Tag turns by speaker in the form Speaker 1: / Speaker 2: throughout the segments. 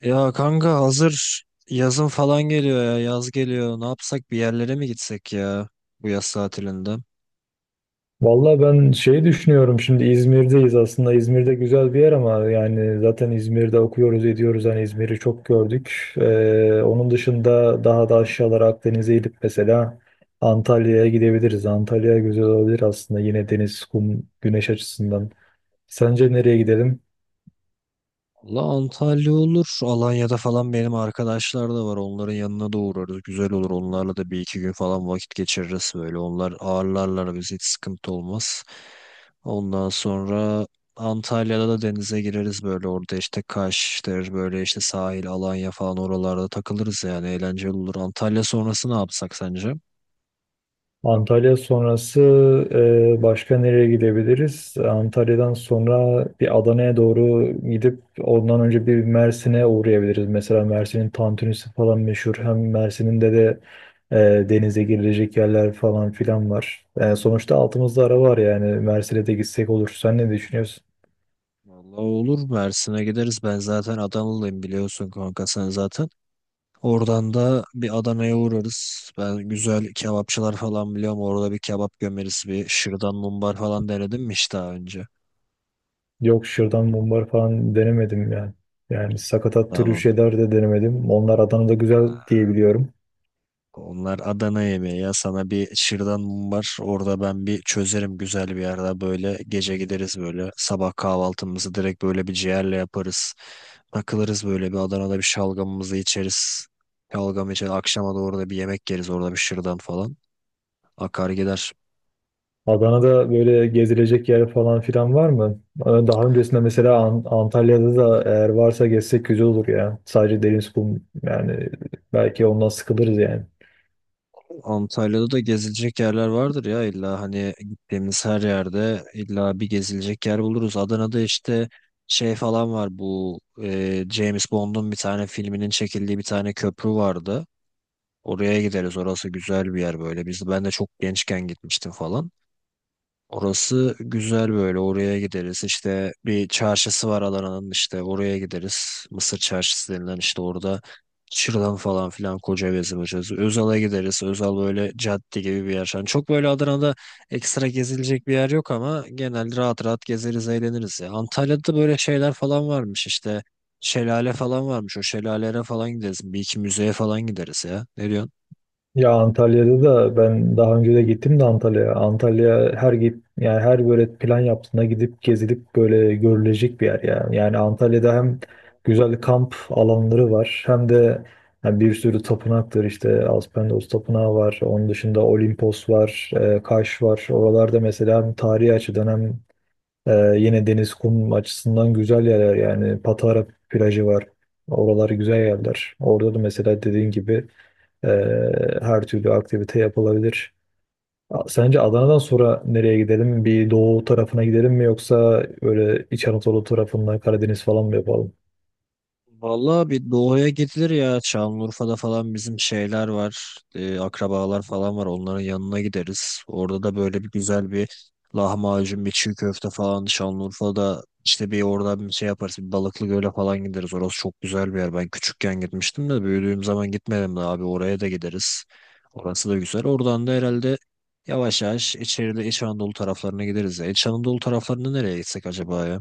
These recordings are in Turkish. Speaker 1: Ya kanka hazır yazın falan geliyor ya yaz geliyor ne yapsak bir yerlere mi gitsek ya bu yaz tatilinde?
Speaker 2: Valla ben şeyi düşünüyorum, şimdi İzmir'deyiz aslında. İzmir'de güzel bir yer ama yani zaten İzmir'de okuyoruz ediyoruz, hani İzmir'i çok gördük. Onun dışında daha da aşağılara Akdeniz'e inip mesela Antalya'ya gidebiliriz. Antalya güzel olabilir aslında, yine deniz, kum, güneş açısından. Sence nereye gidelim?
Speaker 1: Valla Antalya olur Alanya'da falan benim arkadaşlar da var onların yanına da uğrarız güzel olur onlarla da bir iki gün falan vakit geçiririz böyle onlar ağırlarlar biz hiç sıkıntı olmaz. Ondan sonra Antalya'da da denize gireriz böyle orada işte Kaş'tır böyle işte sahil Alanya falan oralarda takılırız yani eğlenceli olur. Antalya sonrası ne yapsak sence?
Speaker 2: Antalya sonrası başka nereye gidebiliriz? Antalya'dan sonra bir Adana'ya doğru gidip ondan önce bir Mersin'e uğrayabiliriz. Mesela Mersin'in tantunisi falan meşhur. Hem Mersin'in de denize girilecek yerler falan filan var. Sonuçta altımızda ara var, yani Mersin'e de gitsek olur. Sen ne düşünüyorsun?
Speaker 1: Vallahi olur Mersin'e gideriz. Ben zaten Adanalıyım biliyorsun kanka sen zaten. Oradan da bir Adana'ya uğrarız. Ben güzel kebapçılar falan biliyorum. Orada bir kebap gömeriz. Bir şırdan mumbar falan denedim mi hiç daha önce?
Speaker 2: Yok, şırdan mumbar falan denemedim yani. Yani sakatat türü
Speaker 1: Tamam.
Speaker 2: şeyler de denemedim. Onlar Adana'da güzel diyebiliyorum.
Speaker 1: Onlar Adana yemeği ya sana bir şırdan mum var orada ben bir çözerim güzel bir yerde böyle gece gideriz böyle sabah kahvaltımızı direkt böyle bir ciğerle yaparız takılırız böyle bir Adana'da bir şalgamımızı içeriz şalgam içer akşama doğru da bir yemek yeriz orada bir şırdan falan akar gider.
Speaker 2: Adana'da böyle gezilecek yer falan filan var mı? Daha öncesinde mesela Antalya'da da eğer varsa gezsek güzel olur ya. Sadece deniz, kum, yani belki ondan sıkılırız yani.
Speaker 1: Antalya'da da gezilecek yerler vardır ya illa hani gittiğimiz her yerde illa bir gezilecek yer buluruz. Adana'da işte şey falan var bu James Bond'un bir tane filminin çekildiği bir tane köprü vardı. Oraya gideriz orası güzel bir yer böyle. Ben de çok gençken gitmiştim falan. Orası güzel böyle oraya gideriz işte bir çarşısı var alanın işte oraya gideriz Mısır çarşısı denilen işte orada şırdan falan filan koca gezim açarız. Özal'a gideriz Özal böyle cadde gibi bir yer. Yani çok böyle Adana'da ekstra gezilecek bir yer yok ama genel rahat rahat gezeriz eğleniriz ya Antalya'da böyle şeyler falan varmış işte şelale falan varmış o şelalelere falan gideriz bir iki müzeye falan gideriz ya ne
Speaker 2: Ya Antalya'da da ben daha önce de gittim de Antalya'ya. Antalya her git, yani her böyle plan yaptığında gidip gezilip böyle görülecek bir yer ya. Yani Antalya'da hem
Speaker 1: diyorsun?
Speaker 2: güzel kamp alanları var hem de yani bir sürü tapınaktır, işte Aspendos Tapınağı var. Onun dışında Olimpos var, Kaş var. Oralarda mesela hem tarihi açıdan hem yine deniz kum açısından güzel yerler, yani Patara plajı var. Oralar güzel yerler. Orada da mesela dediğin gibi e, her türlü aktivite yapılabilir. Sence Adana'dan sonra nereye gidelim? Bir doğu tarafına gidelim mi, yoksa böyle İç Anadolu tarafında Karadeniz falan mı yapalım?
Speaker 1: Vallahi bir doğuya gidilir ya. Şanlıurfa'da falan bizim şeyler var. Akrabalar falan var. Onların yanına gideriz. Orada da böyle bir güzel bir lahmacun, bir çiğ köfte falan. Şanlıurfa'da işte bir oradan bir şey yaparız. Bir Balıklı Göl'e falan gideriz. Orası çok güzel bir yer. Ben küçükken gitmiştim de büyüdüğüm zaman gitmedim de abi. Oraya da gideriz. Orası da güzel. Oradan da herhalde yavaş yavaş içeride İç Anadolu taraflarına gideriz ya. İç Anadolu taraflarına nereye gitsek acaba ya?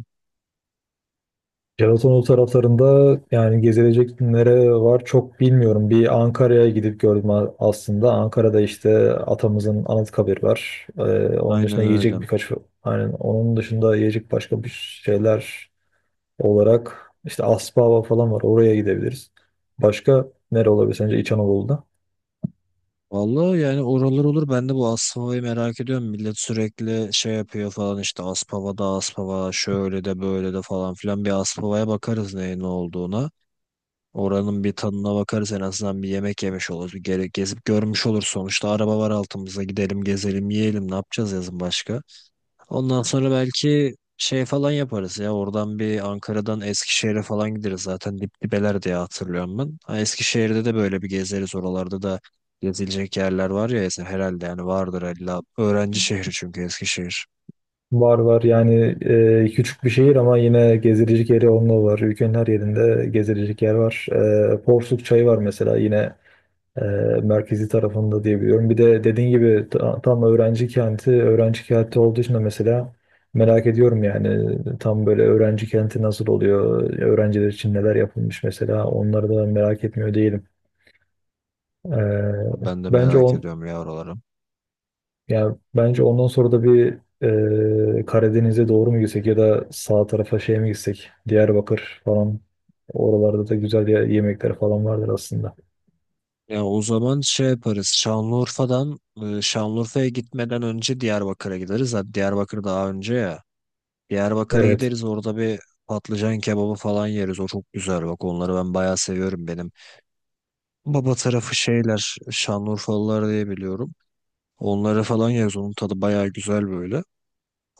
Speaker 2: Gelatonoğlu taraflarında yani gezilecek nere var çok bilmiyorum. Bir Ankara'ya gidip gördüm aslında. Ankara'da işte atamızın Anıtkabir var. Onun dışında
Speaker 1: Aynen öyle.
Speaker 2: yiyecek birkaç, yani onun dışında yiyecek başka bir şeyler olarak işte Aspava falan var. Oraya gidebiliriz. Başka nere olabilir sence İç Anadolu'da?
Speaker 1: Vallahi yani oralar olur. Ben de bu Aspava'yı merak ediyorum. Millet sürekli şey yapıyor falan işte Aspava'da Aspava şöyle de böyle de falan filan. Bir Aspava'ya bakarız neyin ne olduğuna. Oranın bir tadına bakarız en azından bir yemek yemiş oluruz. Bir gere gezip görmüş olur sonuçta. Araba var altımızda gidelim gezelim yiyelim ne yapacağız yazın başka? Ondan sonra belki şey falan yaparız ya. Oradan bir Ankara'dan Eskişehir'e falan gideriz. Zaten dibeler diye hatırlıyorum ben. Ha, Eskişehir'de de böyle bir gezeriz. Oralarda da gezilecek yerler var ya herhalde yani vardır illa. Öğrenci şehri çünkü Eskişehir.
Speaker 2: Var var yani, küçük bir şehir ama yine gezilecek yeri onunla var. Ülkenin her yerinde gezilecek yer var. Porsuk Çayı var mesela, yine e, merkezi tarafında diyebiliyorum. Bir de dediğin gibi tam öğrenci kenti, öğrenci kenti olduğu için de mesela merak ediyorum, yani tam böyle öğrenci kenti nasıl oluyor, öğrenciler için neler yapılmış, mesela onları da merak etmiyor değilim. E,
Speaker 1: Ben de
Speaker 2: bence
Speaker 1: merak
Speaker 2: on,
Speaker 1: ediyorum ya oraları.
Speaker 2: Ya bence ondan sonra da bir Karadeniz'e doğru mu gitsek, ya da sağ tarafa şey mi gitsek? Diyarbakır falan. Oralarda da güzel yemekler falan vardır aslında.
Speaker 1: Ya o zaman şey yaparız. Şanlıurfa'dan Şanlıurfa'ya gitmeden önce Diyarbakır'a gideriz. Hadi Diyarbakır daha önce ya. Diyarbakır'a
Speaker 2: Evet.
Speaker 1: gideriz orada bir patlıcan kebabı falan yeriz. O çok güzel bak onları ben bayağı seviyorum benim. Baba tarafı şeyler Şanlıurfalılar diye biliyorum. Onlara falan yeriz. Onun tadı bayağı güzel böyle.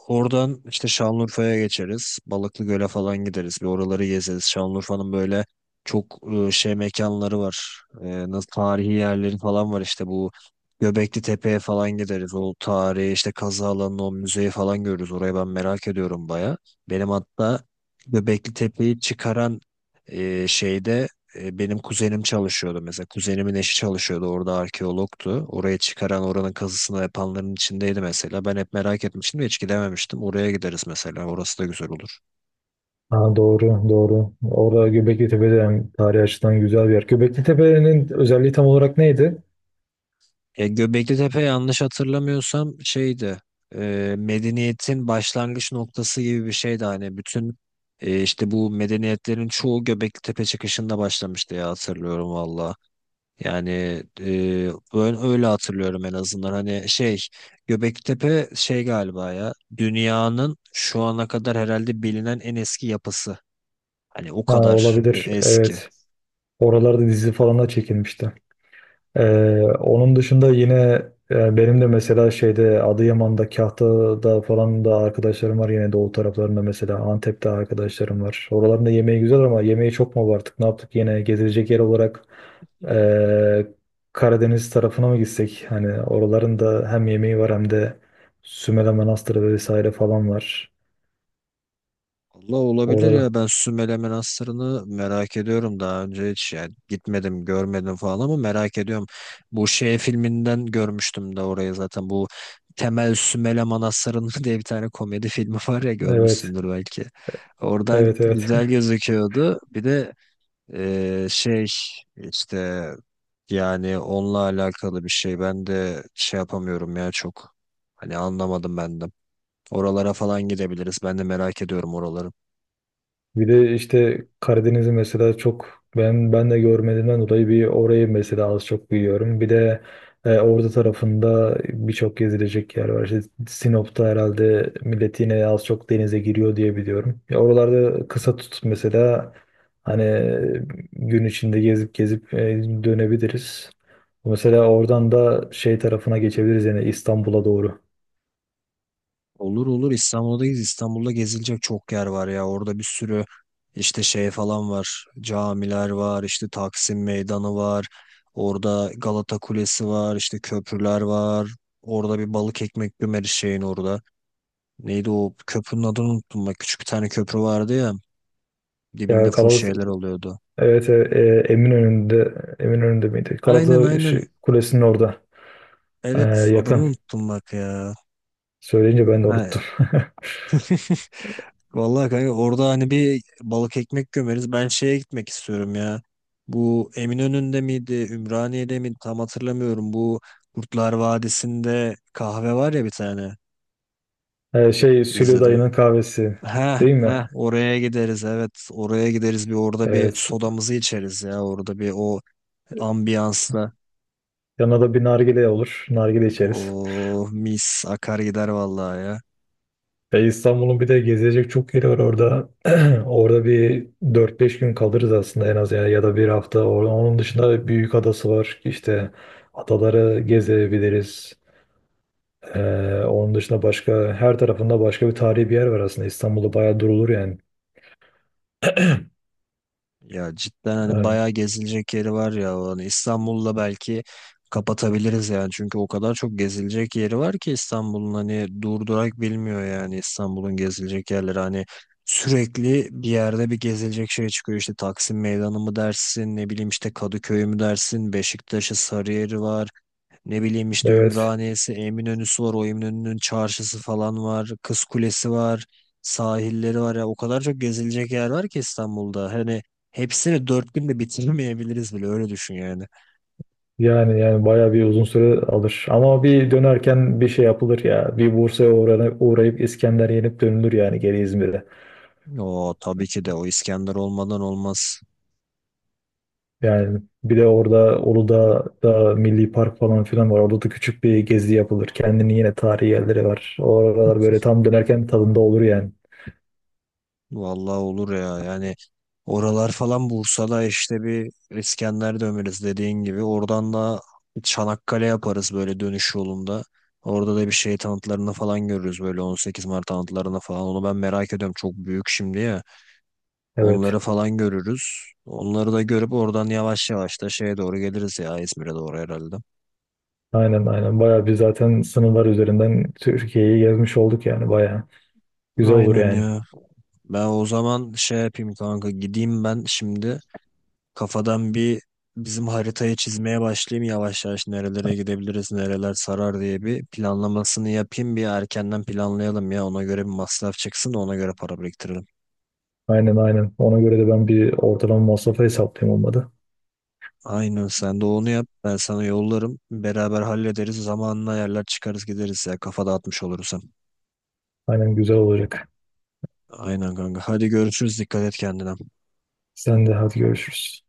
Speaker 1: Oradan işte Şanlıurfa'ya geçeriz. Balıklı Göl'e falan gideriz. Bir oraları gezeriz. Şanlıurfa'nın böyle çok şey mekanları var. E, nasıl tarihi yerleri falan var işte bu Göbekli Tepe'ye falan gideriz. O tarihi işte kazı alanını o müzeyi falan görürüz. Orayı ben merak ediyorum baya. Benim hatta Göbekli Tepe'yi çıkaran şeyde benim kuzenim çalışıyordu mesela. Kuzenimin eşi çalışıyordu. Orada arkeologtu. Oraya çıkaran oranın kazısını yapanların içindeydi mesela. Ben hep merak etmiştim de hiç gidememiştim. Oraya gideriz mesela. Orası da güzel olur.
Speaker 2: Ha, doğru doğru. Orada Göbekli Tepe de hem tarihi açıdan güzel bir yer. Göbekli Tepe'nin özelliği tam olarak neydi?
Speaker 1: E, Göbekli Tepe yanlış hatırlamıyorsam şeydi. Medeniyetin başlangıç noktası gibi bir şeydi. Hani bütün işte bu medeniyetlerin çoğu Göbekli Tepe çıkışında başlamıştı ya hatırlıyorum valla. Yani ben öyle hatırlıyorum en azından. Hani şey Göbektepe şey galiba ya dünyanın şu ana kadar herhalde bilinen en eski yapısı. Hani o
Speaker 2: Ha,
Speaker 1: kadar
Speaker 2: olabilir.
Speaker 1: eski.
Speaker 2: Evet. Oralarda dizi falan da çekilmişti. Onun dışında yine benim de mesela şeyde Adıyaman'da, Kahta'da falan da arkadaşlarım var, yine doğu taraflarında mesela Antep'te arkadaşlarım var. Oraların da yemeği güzel, ama yemeği çok mu abarttık? Ne yaptık yine gezilecek yer olarak? e, Karadeniz tarafına mı gitsek? Hani oraların da hem yemeği var hem de Sümele Manastırı vesaire falan var.
Speaker 1: Allah olabilir
Speaker 2: Orada.
Speaker 1: ya ben Sümele Manastırı'nı merak ediyorum daha önce hiç yani gitmedim görmedim falan ama merak ediyorum. Bu şey filminden görmüştüm de orayı zaten bu Temel Sümele Manastırı'nın diye bir tane komedi filmi var ya
Speaker 2: Evet.
Speaker 1: görmüşsündür belki. Oradan
Speaker 2: Evet, evet.
Speaker 1: güzel gözüküyordu. Bir de şey işte yani onunla alakalı bir şey ben de şey yapamıyorum ya çok. Hani anlamadım ben de. Oralara falan gidebiliriz. Ben de merak ediyorum oraları.
Speaker 2: Bir de işte Karadeniz'i mesela çok, ben de görmediğimden dolayı bir orayı mesela az çok biliyorum. Bir de Ordu tarafında birçok gezilecek yer var. İşte Sinop'ta herhalde millet yine az çok denize giriyor diye biliyorum. Ya oralarda kısa tut mesela, hani gün içinde gezip gezip dönebiliriz. Mesela oradan da şey tarafına geçebiliriz yani, İstanbul'a doğru.
Speaker 1: Olur olur İstanbul'dayız. İstanbul'da gezilecek çok yer var ya. Orada bir sürü işte şey falan var. Camiler var, işte Taksim Meydanı var. Orada Galata Kulesi var, işte köprüler var. Orada bir balık ekmek bümeri şeyin orada. Neydi o köprünün adını unuttum bak. Küçük bir tane köprü vardı ya. Dibinde
Speaker 2: Ya,
Speaker 1: full
Speaker 2: kalabalık.
Speaker 1: şeyler oluyordu.
Speaker 2: Evet. Eminönü'nde miydi?
Speaker 1: Aynen
Speaker 2: Galata
Speaker 1: aynen.
Speaker 2: şey, Kulesi'nin orada.
Speaker 1: Evet adını
Speaker 2: Yakın.
Speaker 1: unuttum bak ya.
Speaker 2: Söyleyince ben de
Speaker 1: Ha,
Speaker 2: unuttum.
Speaker 1: vallahi kanka orada hani bir balık ekmek gömeriz. Ben şeye gitmek istiyorum ya. Bu Eminönü'nde miydi, Ümraniye'de miydi tam hatırlamıyorum. Bu Kurtlar Vadisi'nde kahve var ya bir tane.
Speaker 2: Şey, Sülü
Speaker 1: İzledim.
Speaker 2: Dayı'nın kahvesi
Speaker 1: Ha
Speaker 2: değil mi?
Speaker 1: ha, oraya gideriz, evet oraya gideriz bir orada bir
Speaker 2: Evet.
Speaker 1: sodamızı içeriz ya orada bir o ambiyansla.
Speaker 2: Yanına da bir nargile olur. Nargile içeriz.
Speaker 1: Oh mis akar gider vallahi ya.
Speaker 2: İstanbul'un bir de gezilecek çok yeri var orada. Orada bir dört beş gün kalırız aslında en az, ya ya da bir hafta. Onun dışında büyük adası var. İşte adaları gezebiliriz. Onun dışında başka, her tarafında başka bir tarihi bir yer var aslında. İstanbul'da bayağı durulur yani.
Speaker 1: Ya cidden hani
Speaker 2: Evet.
Speaker 1: bayağı gezilecek yeri var ya. Hani İstanbul'la belki kapatabiliriz yani. Çünkü o kadar çok gezilecek yeri var ki İstanbul'un hani durdurak bilmiyor yani İstanbul'un gezilecek yerleri. Hani sürekli bir yerde bir gezilecek şey çıkıyor. İşte Taksim Meydanı mı dersin ne bileyim işte Kadıköy mü dersin Beşiktaş'ı Sarıyer'i var. Ne bileyim işte
Speaker 2: Evet.
Speaker 1: Ümraniye'si, Eminönü'sü var. O Eminönü'nün çarşısı falan var. Kız Kulesi var. Sahilleri var ya. O kadar çok gezilecek yer var ki İstanbul'da. Hani hepsini 4 günde bitiremeyebiliriz bile. Öyle düşün yani.
Speaker 2: Yani bayağı bir uzun süre alır. Ama bir dönerken bir şey yapılır ya. Bir Bursa'ya uğrayıp İskender yenip dönülür yani geri İzmir'e.
Speaker 1: O tabii ki de o İskender olmadan olmaz.
Speaker 2: Yani bir de orada Uludağ'da Milli Park falan filan var. Orada da küçük bir gezi yapılır. Kendini yine tarihi yerleri var. Oralar böyle tam dönerken tadında olur yani.
Speaker 1: Vallahi olur ya yani oralar falan Bursa'da işte bir İskender döneriz dediğin gibi oradan da Çanakkale yaparız böyle dönüş yolunda. Orada da bir şey tanıtlarını falan görürüz böyle 18 Mart tanıtlarını falan. Onu ben merak ediyorum çok büyük şimdi ya.
Speaker 2: Evet.
Speaker 1: Onları falan görürüz. Onları da görüp oradan yavaş yavaş da şeye doğru geliriz ya İzmir'e doğru herhalde.
Speaker 2: Aynen, aynen. Bayağı biz zaten sınırlar üzerinden Türkiye'yi gezmiş olduk yani, bayağı. Güzel olur
Speaker 1: Aynen
Speaker 2: yani.
Speaker 1: ya. Ben o zaman şey yapayım kanka gideyim ben şimdi. Kafadan bir bizim haritayı çizmeye başlayayım yavaş yavaş nerelere gidebiliriz, nereler sarar diye bir planlamasını yapayım. Bir erkenden planlayalım ya ona göre bir masraf çıksın da ona göre para biriktirelim.
Speaker 2: Aynen, aynen. Ona göre de ben bir ortalama masrafı hesaplayayım olmadı.
Speaker 1: Aynen sen de onu yap ben sana yollarım. Beraber hallederiz zamanla yerler çıkarız gideriz ya kafa dağıtmış oluruz hem.
Speaker 2: Aynen, güzel olacak.
Speaker 1: Aynen kanka hadi görüşürüz dikkat et kendine.
Speaker 2: Sen de hadi, görüşürüz.